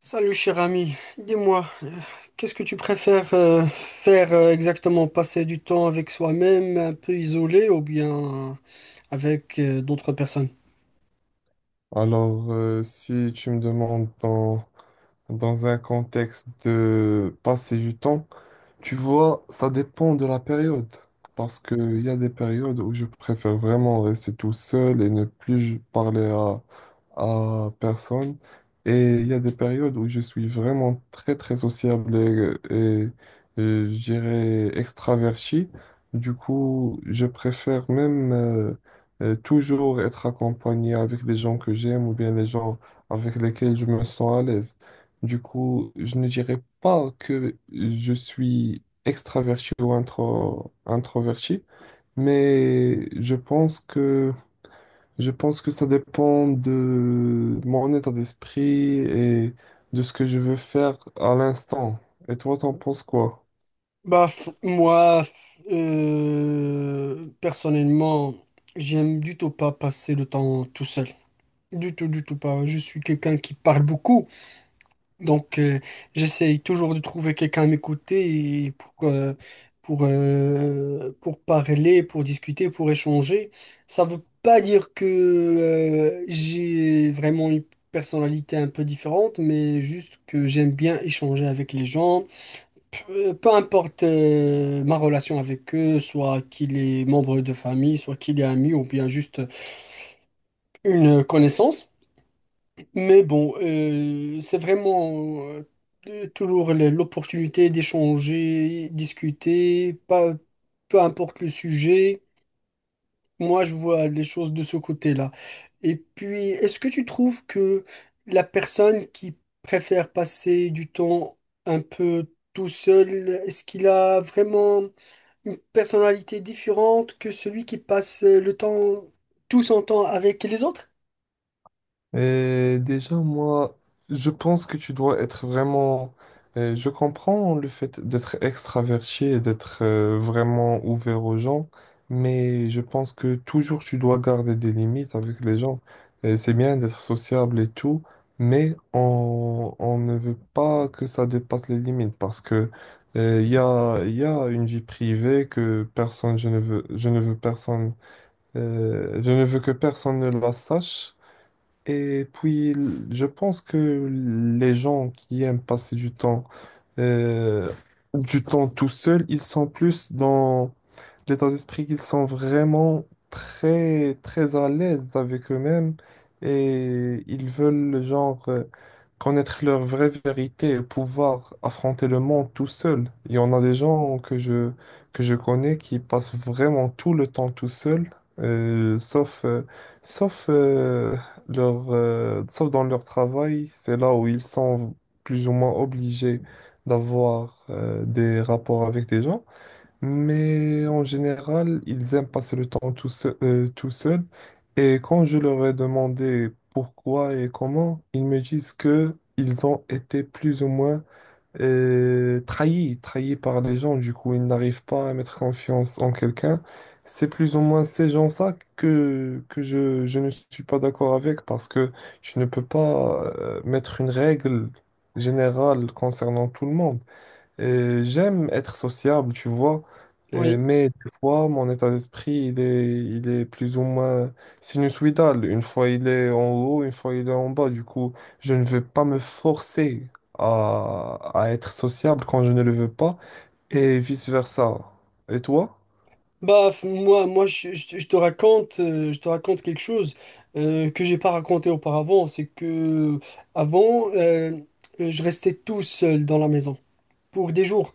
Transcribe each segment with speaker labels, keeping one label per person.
Speaker 1: Salut cher ami, dis-moi, qu'est-ce que tu préfères faire exactement? Passer du temps avec soi-même, un peu isolé, ou bien avec d'autres personnes?
Speaker 2: Alors, si tu me demandes dans un contexte de passer du temps, tu vois, ça dépend de la période. Parce qu'il y a des périodes où je préfère vraiment rester tout seul et ne plus parler à personne. Et il y a des périodes où je suis vraiment très, très sociable et je dirais extraverti. Du coup, je préfère même toujours être accompagné avec les gens que j'aime ou bien les gens avec lesquels je me sens à l'aise. Du coup, je ne dirais pas que je suis extraverti ou introverti, mais je pense que ça dépend de mon état d'esprit et de ce que je veux faire à l'instant. Et toi, t'en penses quoi?
Speaker 1: Personnellement, j'aime du tout pas passer le temps tout seul. Du tout pas. Je suis quelqu'un qui parle beaucoup. Donc, j'essaye toujours de trouver quelqu'un à m'écouter et pour parler, pour discuter, pour échanger. Ça ne veut pas dire que j'ai vraiment une personnalité un peu différente, mais juste que j'aime bien échanger avec les gens. Peu, peu importe ma relation avec eux, soit qu'il est membre de famille, soit qu'il est ami ou bien juste une connaissance. Mais bon, c'est vraiment toujours l'opportunité d'échanger, discuter, pas, peu importe le sujet. Moi, je vois les choses de ce côté-là. Et puis, est-ce que tu trouves que la personne qui préfère passer du temps un peu tout seul, est-ce qu'il a vraiment une personnalité différente que celui qui passe le temps, tout son temps avec les autres?
Speaker 2: Et déjà, moi, je pense que tu dois être vraiment... je comprends le fait d'être extraverti et d'être vraiment ouvert aux gens, mais je pense que toujours tu dois garder des limites avec les gens. Et c'est bien d'être sociable et tout, mais on ne veut pas que ça dépasse les limites parce que il y a une vie privée que personne, je ne veux personne, je ne veux que personne ne la sache. Et puis, je pense que les gens qui aiment passer euh, du temps tout seul, ils sont plus l'état d'esprit qu'ils sont vraiment très, très à l'aise avec eux-mêmes et ils veulent, genre, connaître leur vraie vérité et pouvoir affronter le monde tout seul. Il y en a des gens que je connais qui passent vraiment tout le temps tout seuls, euh, sauf, euh, sauf, euh, sauf dans leur travail. C'est là où ils sont plus ou moins obligés d'avoir des rapports avec des gens. Mais en général, ils aiment passer le temps tout seul, tout seul. Et quand je leur ai demandé pourquoi et comment, ils me disent que ils ont été plus ou moins trahis par les gens. Du coup, ils n'arrivent pas à mettre confiance en quelqu'un. C'est plus ou moins ces gens-là que je ne suis pas d'accord avec parce que je ne peux pas mettre une règle générale concernant tout le monde. J'aime être sociable, tu vois, mais des fois, mon état d'esprit, il est plus ou moins sinusoïdal. Une fois, il est en haut, une fois, il est en bas. Du coup, je ne vais pas me forcer à être sociable quand je ne le veux pas, et vice-versa. Et toi?
Speaker 1: Je te raconte, je te raconte quelque chose que j'ai pas raconté auparavant. C'est que avant, je restais tout seul dans la maison pour des jours,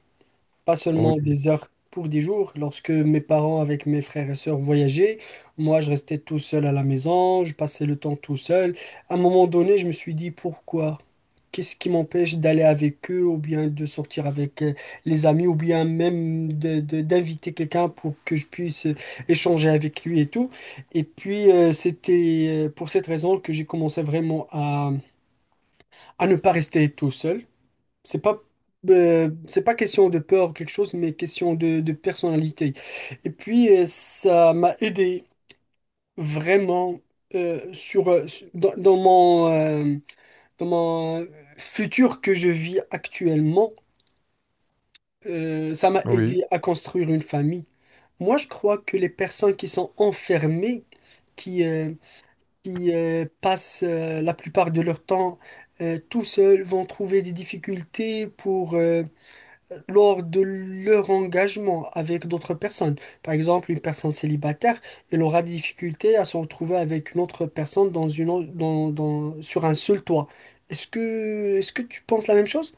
Speaker 1: pas
Speaker 2: Oui,
Speaker 1: seulement des heures, pour des jours. Lorsque mes parents avec mes frères et sœurs voyageaient, moi, je restais tout seul à la maison, je passais le temps tout seul. À un moment donné, je me suis dit pourquoi? Qu'est-ce qui m'empêche d'aller avec eux ou bien de sortir avec les amis ou bien même de, d'inviter quelqu'un pour que je puisse échanger avec lui et tout. Et puis, c'était pour cette raison que j'ai commencé vraiment à ne pas rester tout seul. C'est pas, c'est pas question de peur ou quelque chose, mais question de personnalité. Et puis, ça m'a aidé vraiment euh, sur, euh, dans, dans mon... euh, dans mon futur que je vis actuellement, ça m'a
Speaker 2: oui.
Speaker 1: aidé à construire une famille. Moi, je crois que les personnes qui sont enfermées, qui, euh, qui passent la plupart de leur temps tout seuls, vont trouver des difficultés pour, lors de leur engagement avec d'autres personnes. Par exemple, une personne célibataire, elle aura des difficultés à se retrouver avec une autre personne dans sur un seul toit. Est-ce que tu penses la même chose?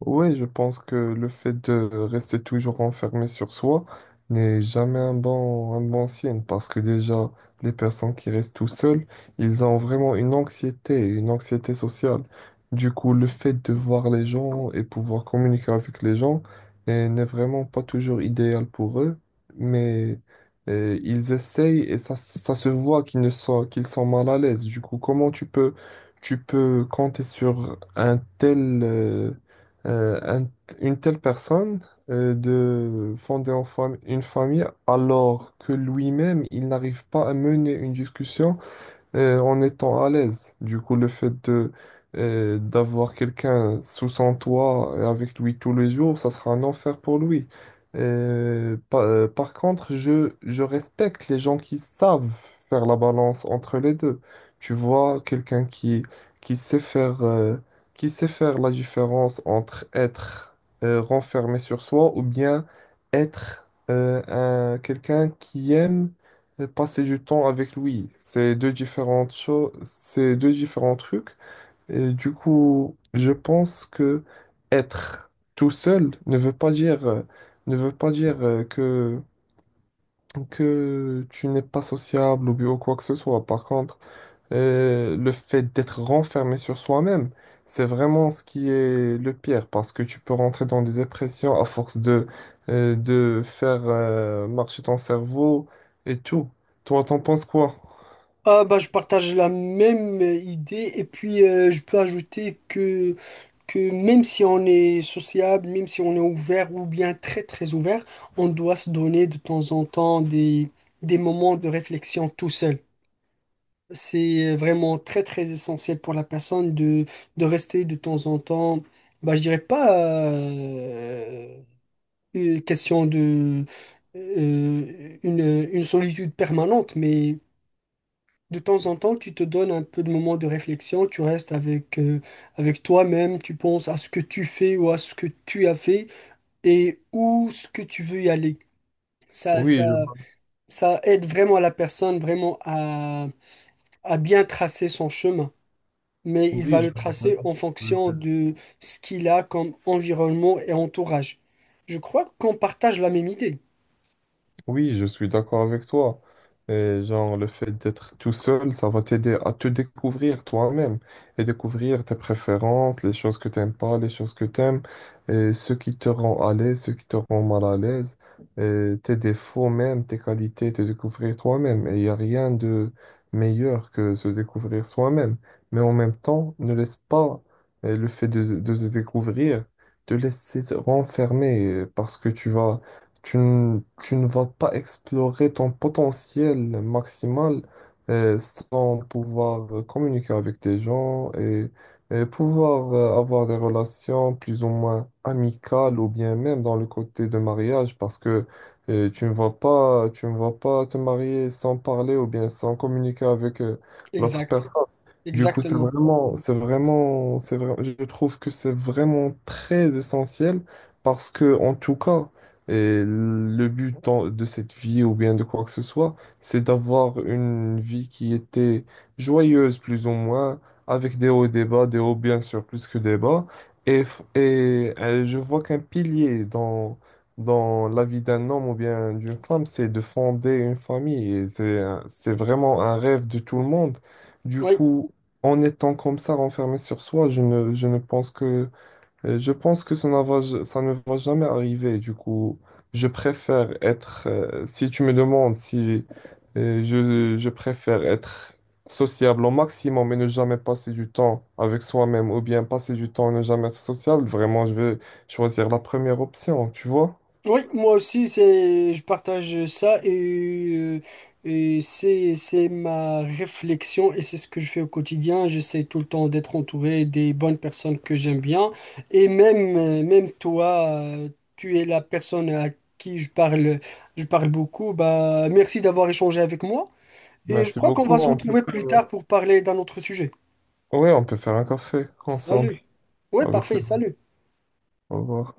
Speaker 2: Oui, je pense que le fait de rester toujours enfermé sur soi n'est jamais un un bon signe parce que déjà, les personnes qui restent tout seules, ils ont vraiment une une anxiété sociale. Du coup, le fait de voir les gens et pouvoir communiquer avec les gens n'est vraiment pas toujours idéal pour eux, mais ils essayent et ça se voit qu'ils ne sont, qu'ils sont mal à l'aise. Du coup, tu peux compter sur un tel... euh, euh, un- une telle personne de fonder une famille alors que lui-même, il n'arrive pas à mener une discussion en étant à l'aise. Du coup, le fait de d'avoir quelqu'un sous son toit et avec lui tous les jours, ça sera un enfer pour lui. Par contre, je respecte les gens qui savent faire la balance entre les deux. Tu vois, qui sait qui sait faire la différence entre être renfermé sur soi ou bien être quelqu'un qui aime et passer du temps avec lui. C'est deux différentes choses, c'est deux différents trucs. Et du coup, je pense que être tout seul ne veut pas ne veut pas dire que tu n'es pas sociable ou bien quoi que ce soit. Par contre, le fait d'être renfermé sur soi-même, c'est vraiment ce qui est le pire parce que tu peux rentrer dans des dépressions à force de faire marcher ton cerveau et tout. Toi, t'en penses quoi?
Speaker 1: Ah bah, je partage la même idée et puis je peux ajouter que même si on est sociable, même si on est ouvert ou bien très très ouvert, on doit se donner de temps en temps des moments de réflexion tout seul. C'est vraiment très très essentiel pour la personne de rester de temps en temps, bah, je dirais pas euh, une question de une solitude permanente, mais de temps en temps tu te donnes un peu de moments de réflexion, tu restes avec, avec toi-même, tu penses à ce que tu fais ou à ce que tu as fait et où ce que tu veux y aller. Ça, ça,
Speaker 2: Oui, je vois.
Speaker 1: ça aide vraiment la personne vraiment à bien tracer son chemin. Mais il
Speaker 2: Oui,
Speaker 1: va
Speaker 2: je
Speaker 1: le
Speaker 2: vois.
Speaker 1: tracer en fonction de ce qu'il a comme environnement et entourage. Je crois qu'on partage la même idée.
Speaker 2: Oui, je suis d'accord avec toi. Et genre, le fait d'être tout seul, ça va t'aider à te découvrir toi-même et découvrir tes préférences, les choses que t'aimes pas, les choses que t'aimes, et ce qui te rend à l'aise, ce qui te rend mal à l'aise, et tes défauts même, tes qualités, te découvrir toi-même. Et il n'y a rien de meilleur que se découvrir soi-même. Mais en même temps, ne laisse pas de se découvrir te laisser renfermer parce que tu ne vas pas explorer ton potentiel maximal sans pouvoir communiquer avec des gens et pouvoir avoir des relations plus ou moins amicales ou bien même dans le côté de mariage parce que tu ne vas pas te marier sans parler ou bien sans communiquer avec l'autre.
Speaker 1: Exact,
Speaker 2: Du coup, c'est
Speaker 1: exactement.
Speaker 2: vraiment, c'est vraiment, c'est vrai- je trouve que c'est vraiment très essentiel parce que, en tout cas, et le but de cette vie ou bien de quoi que ce soit, c'est d'avoir une vie qui était joyeuse, plus ou moins, avec des hauts et des bas, des hauts bien sûr, plus que des bas. Et je vois qu'un pilier dans la vie d'un homme ou bien d'une femme, c'est de fonder une famille. Et c'est vraiment un rêve de tout le monde. Du
Speaker 1: Oui,
Speaker 2: coup, en étant comme ça renfermé sur soi, je ne pense que, je pense que ça ne ça ne va jamais arriver. Du coup, je préfère être, si tu me demandes si je préfère être sociable au maximum et ne jamais passer du temps avec soi-même ou bien passer du temps et ne jamais être sociable, vraiment, je vais choisir la première option, tu vois?
Speaker 1: oui, moi aussi, c'est, je partage ça et c'est ma réflexion et c'est ce que je fais au quotidien. J'essaie tout le temps d'être entouré des bonnes personnes que j'aime bien. Et même, même toi, tu es la personne à qui je parle beaucoup. Bah, merci d'avoir échangé avec moi. Et je
Speaker 2: Merci
Speaker 1: crois qu'on
Speaker 2: beaucoup.
Speaker 1: va se retrouver plus tard pour parler d'un autre sujet.
Speaker 2: Ouais, on peut faire un café ensemble
Speaker 1: Salut. Oui,
Speaker 2: avec
Speaker 1: parfait,
Speaker 2: le.
Speaker 1: salut.
Speaker 2: Au revoir.